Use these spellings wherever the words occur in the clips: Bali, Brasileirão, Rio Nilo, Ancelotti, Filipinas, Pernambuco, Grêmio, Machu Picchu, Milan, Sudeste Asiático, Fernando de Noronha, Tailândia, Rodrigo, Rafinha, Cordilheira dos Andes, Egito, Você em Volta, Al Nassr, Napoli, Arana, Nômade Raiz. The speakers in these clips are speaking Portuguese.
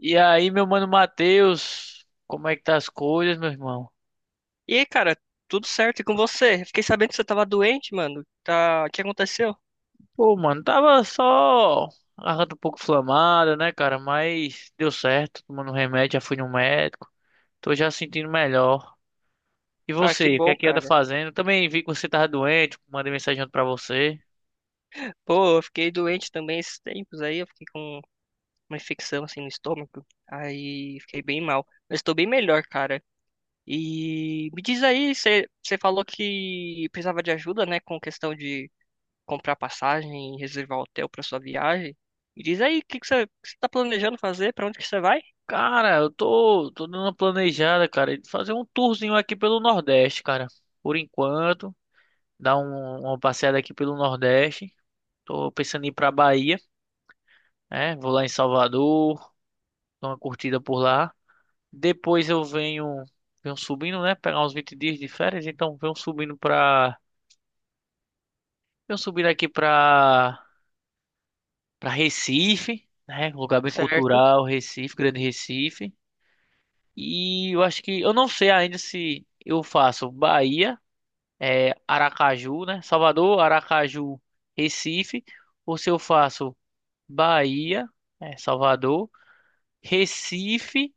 E aí, meu mano Matheus, como é que tá as coisas, meu irmão? E aí, cara, tudo certo e com você? Fiquei sabendo que você tava doente, mano. Tá, o que aconteceu? Pô, mano, tava só a garganta um pouco inflamada, né, cara? Mas deu certo, tomando um remédio, já fui no médico. Tô já sentindo melhor. E Ah, que você, o que bom, é que anda cara. fazendo? Também vi que você tava doente, mandei mensagem ontem pra você. Pô, eu fiquei doente também esses tempos aí, eu fiquei com uma infecção assim no estômago. Aí fiquei bem mal. Mas tô bem melhor, cara. E me diz aí, você falou que precisava de ajuda, né, com questão de comprar passagem e reservar hotel pra sua viagem. Me diz aí, o que você tá planejando fazer? Pra onde que você vai? Cara, eu tô dando uma planejada, cara, de fazer um tourzinho aqui pelo Nordeste, cara. Por enquanto, dar uma passeada aqui pelo Nordeste. Tô pensando em ir pra Bahia, né? Vou lá em Salvador. Dou uma curtida por lá. Depois eu venho subindo, né? Pegar uns 20 dias de férias, então venho subindo pra. Venho subindo aqui pra Recife, né? Um lugar bem Certo. cultural, Recife, Grande Recife. E eu acho que. Eu não sei ainda se eu faço Bahia, é, Aracaju, né? Salvador, Aracaju, Recife. Ou se eu faço Bahia, é, Salvador, Recife.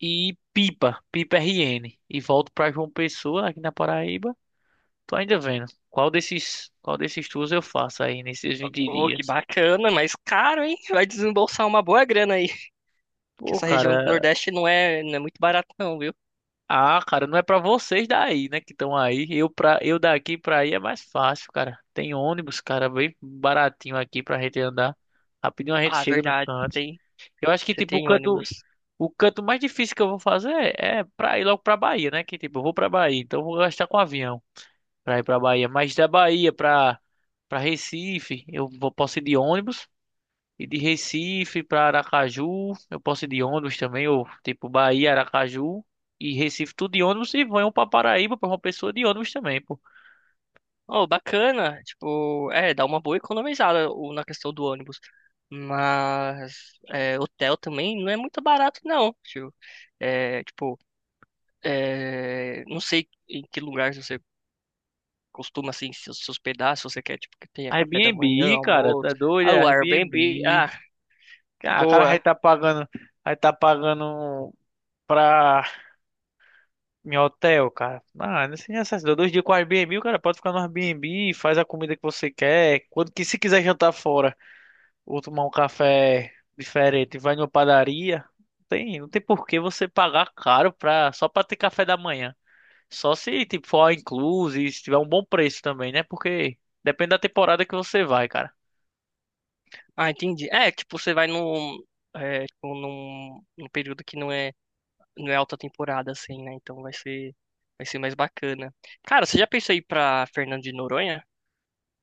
E Pipa, Pipa RN. E volto pra João Pessoa, aqui na Paraíba. Tô ainda vendo. Qual desses tours eu faço aí nesses 20 Pô, que dias? bacana, mas caro, hein? Vai desembolsar uma boa grana aí. Que Pô, essa região do cara. Nordeste não é muito barata não, viu? Ah, cara, não é pra vocês daí, né, que estão aí. Eu daqui pra aí é mais fácil, cara. Tem ônibus, cara, bem baratinho aqui pra gente andar. Rapidinho a gente Ah, chega nos verdade, cantos. Eu acho que você tipo o tem canto ônibus. O canto mais difícil que eu vou fazer é pra ir logo pra Bahia, né? Que tipo, eu vou pra Bahia, então eu vou gastar com avião. Para ir para Bahia, mas da Bahia para Recife, eu posso ir de ônibus. E de Recife para Aracaju, eu posso ir de ônibus também, ou tipo Bahia, Aracaju e Recife, tudo de ônibus. E vão para Paraíba para uma pessoa de ônibus também, pô. Oh, bacana, tipo, é, dá uma boa economizada na questão do ônibus. Mas é, hotel também não é muito barato não, tio. É, tipo, é, não sei em que lugar você costuma assim se hospedar, se você quer tipo que tenha café da Airbnb, manhã, cara, almoço, tá doido? ah, É o Airbnb, Airbnb. ah, Cara, o cara vai boa. tá pagando, vai tá pagando pra em hotel, cara. Ah, não sei necessidade. 2 dias com Airbnb, o cara pode ficar no Airbnb, faz a comida que você quer. Quando que se quiser jantar fora ou tomar um café diferente, vai numa padaria, não tem por que você pagar caro pra, só pra ter café da manhã. Só se tipo for all inclusive, se tiver um bom preço também, né? Porque depende da temporada que você vai, cara. Ah, entendi. É, tipo, você vai num, é, tipo, num, num período que não é alta temporada, assim, né? Então vai ser mais bacana. Cara, você já pensou em ir pra Fernando de Noronha?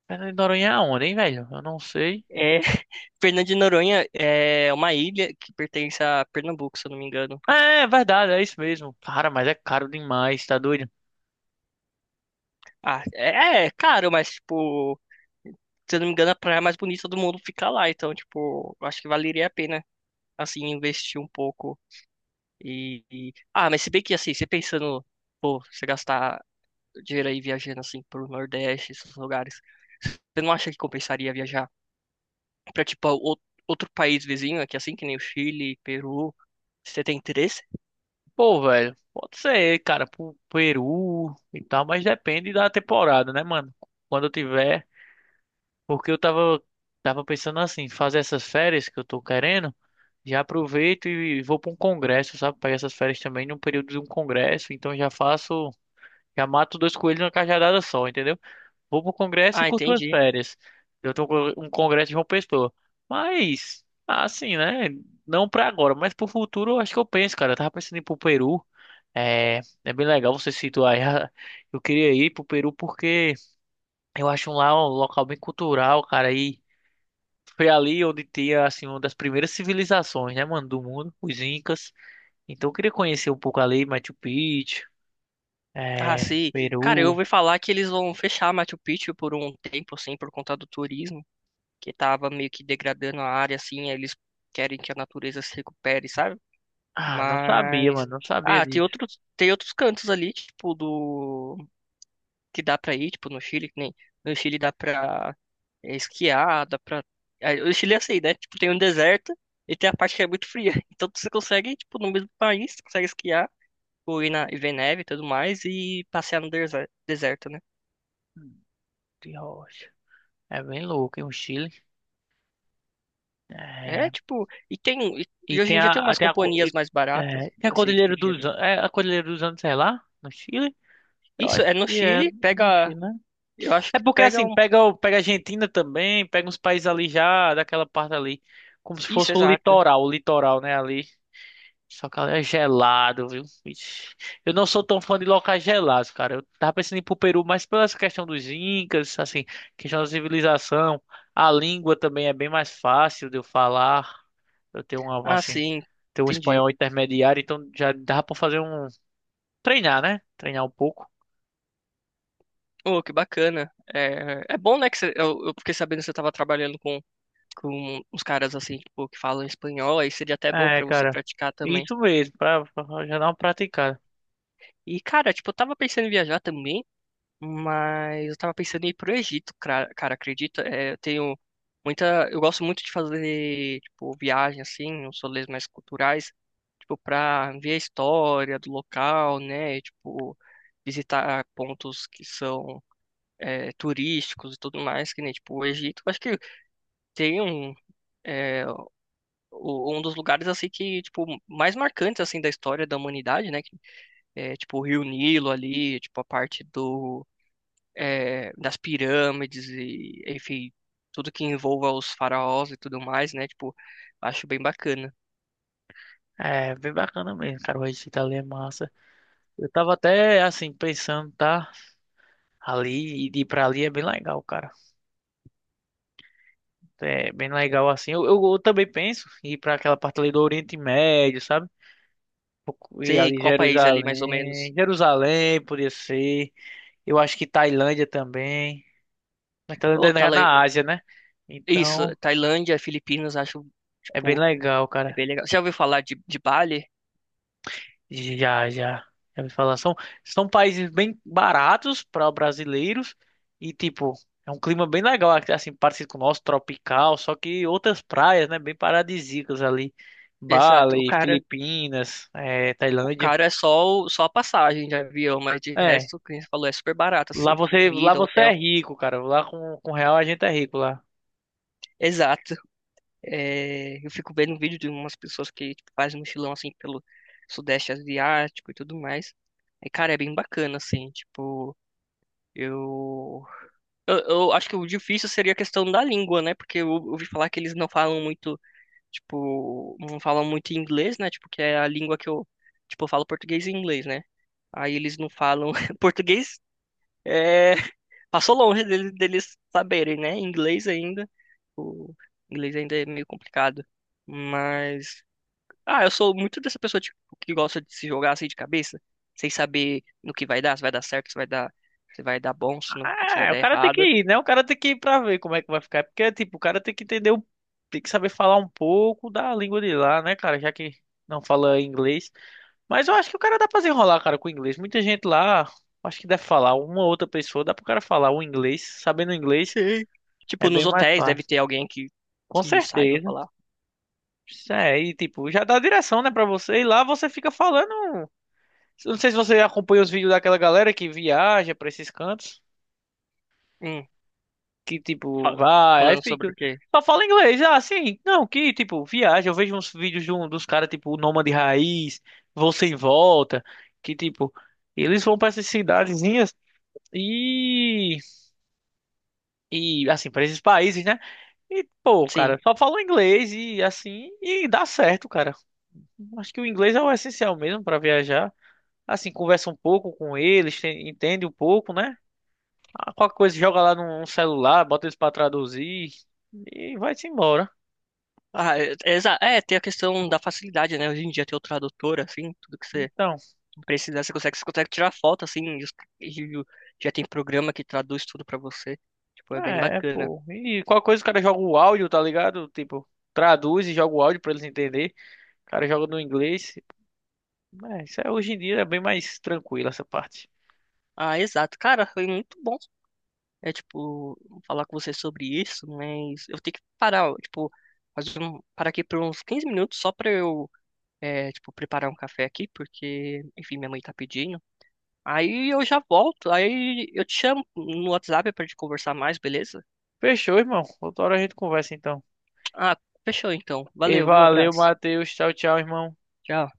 Fernando de Noronha é onde, hein, velho? Eu não sei. É, Fernando de Noronha é uma ilha que pertence a Pernambuco, se eu não me engano. É, é verdade, é isso mesmo. Cara, mas é caro demais, tá doido? Ah, é, é caro, mas, tipo, se eu não me engano, a praia mais bonita do mundo fica lá. Então, tipo, eu acho que valeria a pena, assim, investir um pouco. Ah, mas se bem que, assim, você pensando, pô, você gastar dinheiro aí viajando, assim, pro Nordeste, esses lugares, você não acha que compensaria viajar pra tipo outro país vizinho aqui, assim, que nem o Chile, Peru. Você tem interesse? Pô, velho, pode ser, cara, pro Peru e tal, mas depende da temporada, né, mano? Quando eu tiver. Porque eu tava pensando assim, fazer essas férias que eu tô querendo, já aproveito e vou pra um congresso, sabe? Pegar essas férias também num período de um congresso, então já faço, já mato dois coelhos numa cajadada só, entendeu? Vou pro congresso e Ah, curto as entendi. férias. Eu tô com um congresso de João Pessoa. Mas, assim, né? Não pra agora, mas pro futuro eu acho que eu penso, cara. Eu tava pensando em ir pro Peru. É, é bem legal você situar. aí. Eu queria ir pro Peru porque eu acho lá um local bem cultural, cara, aí foi ali onde tinha, assim, uma das primeiras civilizações, né, mano, do mundo, os Incas. Então eu queria conhecer um pouco ali, Machu Picchu, Ah, é, sim. Cara, eu Peru. ouvi falar que eles vão fechar Machu Picchu por um tempo, assim, por conta do turismo, que tava meio que degradando a área, assim, aí eles querem que a natureza se recupere, sabe? Ah, não sabia, Mas, mano, não sabia ah, disso. Tem outros cantos ali, tipo, do, que dá pra ir, tipo, no Chile, que nem. No Chile dá pra, é, esquiar, dá pra. Ah, o Chile é assim, né? Tipo, tem um deserto e tem a parte que é muito fria. Então você consegue, tipo, no mesmo país, você consegue esquiar, ou ir na, e ver neve e tudo mais, e passear no deserto, né? De rocha. É bem louco, hein, o Chile. É, É, tipo, e tem. E e e hoje tem em dia tem a- umas tem a, co- companhias e- mais baratas, é, tem a assim, Cordilheira tipo, de dos avião. An- é a Cordilheira dos Andes, sei lá, no Chile. Eu Isso acho é no que é, Chile, é no pega. Chile, né? Eu acho É que porque pega assim, um. pega a Argentina também, pega uns países ali já, daquela parte ali, como se Isso, fosse exato. O litoral, né, ali. Só que é gelado, viu? Ixi. Eu não sou tão fã de locais gelados, cara. Eu tava pensando em ir pro Peru, mas pela essa questão dos incas, assim, questão da civilização, a língua também é bem mais fácil de eu falar. Eu tenho uma, Ah, assim, sim, tenho um entendi. espanhol intermediário, então já dá pra fazer um treinar, né? Treinar um pouco. Oh, que bacana. É, é bom, né, que você, eu fiquei sabendo que você estava trabalhando com uns caras assim, tipo, que falam espanhol, aí seria até bom É, pra você cara. praticar também. Isso mesmo, pra já dar uma praticada. E, cara, tipo, eu tava pensando em viajar também, mas eu tava pensando em ir pro Egito, cara, cara, acredita? É, eu tenho muita, eu gosto muito de fazer, tipo, viagem assim, uns rolês mais culturais, tipo, pra ver a história do local, né? E, tipo, visitar pontos que são, é, turísticos e tudo mais, que nem, tipo, o Egito, eu acho que tem um, é, um dos lugares assim que tipo mais marcantes assim da história da humanidade, né? Que é tipo o Rio Nilo ali, tipo a parte do, é, das pirâmides e enfim tudo que envolva os faraós e tudo mais, né? Tipo acho bem bacana. É, bem bacana mesmo, cara. O Recife ali é massa. Eu tava até assim pensando, tá? Ali e ir pra ali é bem legal, cara. É bem legal assim. Eu também penso em ir para aquela parte ali do Oriente Médio, sabe? E Sei ali qual país ali mais ou Jerusalém. menos? Jerusalém poderia ser. Eu acho que Tailândia também. Mas Tailândia Ô, é na Tailan- na Ásia, né? isso, Então Tailândia, Filipinas, acho é bem tipo legal, é cara. bem legal. Já ouviu falar de Bali? Já, já. Já ouvi falar. São países bem baratos para brasileiros e, tipo, é um clima bem legal, assim, parecido com o nosso, tropical, só que outras praias, né, bem paradisíacas ali. Exato. Bali, Filipinas, O Tailândia. cara é só, só a passagem de avião, mas de É, resto, o que você falou, é super barato, lá assim, você, lá comida, você é hotel. rico, cara. Lá com real a gente é rico lá. Exato. É, eu fico vendo um vídeo de umas pessoas que tipo, fazem mochilão assim pelo Sudeste Asiático e tudo mais. E, cara, é bem bacana, assim, tipo, eu... eu acho que o difícil seria a questão da língua, né? Porque eu ouvi falar que eles não falam muito, tipo, não falam muito inglês, né? Tipo, que é a língua que eu, tipo, eu falo português e inglês, né? Aí eles não falam português. É, passou longe deles, deles saberem, né? Inglês ainda. O inglês ainda é meio complicado. Mas, ah, eu sou muito dessa pessoa tipo, que gosta de se jogar assim de cabeça, sem saber no que vai dar, se vai dar certo, se vai dar bom, se não, se vai É, o dar cara tem que errado. ir, né? O cara tem que ir pra ver como é que vai ficar. Porque, tipo, o cara tem que entender, tem que saber falar um pouco da língua de lá, né, cara? Já que não fala inglês. Mas eu acho que o cara dá pra desenrolar, cara, com o inglês. Muita gente lá, acho que deve falar, uma ou outra pessoa, dá pro cara falar o inglês. Sabendo inglês Sim. é Tipo, nos bem mais hotéis deve fácil. ter alguém Com que saiba certeza. falar. Isso é, e tipo, já dá a direção, né, pra você. E lá você fica falando. Não sei se você acompanha os vídeos daquela galera que viaja pra esses cantos. Hum, Que tipo, fala- vai, aí falando sobre o fica. quê? Só fala inglês, ah, sim. Não, que tipo, viaja. Eu vejo uns vídeos dos caras, tipo, o Nômade Raiz, Você em Volta. Que tipo, eles vão pra essas cidadezinhas. E, e assim, para esses países, né? E, pô, Sim. cara, só falam inglês e assim, e dá certo, cara. Acho que o inglês é o essencial mesmo para viajar. Assim, conversa um pouco com eles, entende um pouco, né? Ah, qualquer coisa, joga lá num celular, bota eles para traduzir e vai-se embora. Ah, é, é, é, tem a questão da facilidade, né? Hoje em dia tem o tradutor, assim, tudo que você Então, precisa, você consegue tirar foto, assim, e o- já tem programa que traduz tudo pra você. Tipo, é bem bacana. pô. E qualquer coisa, o cara joga o áudio, tá ligado? Tipo, traduz e joga o áudio para eles entenderem. O cara joga no inglês. É, isso é, hoje em dia é bem mais tranquilo essa parte. Ah, exato. Cara, foi muito bom, é, tipo, falar com você sobre isso, mas eu tenho que parar, ó, tipo, parar aqui por uns 15 minutos só pra eu, é, tipo, preparar um café aqui, porque, enfim, minha mãe tá pedindo. Aí eu já volto, aí eu te chamo no WhatsApp pra gente conversar mais, beleza? Fechou, irmão. Outra hora a gente conversa então. Ah, fechou então. E Valeu, viu? valeu, Abraço. Matheus. Tchau, tchau, irmão. Tchau.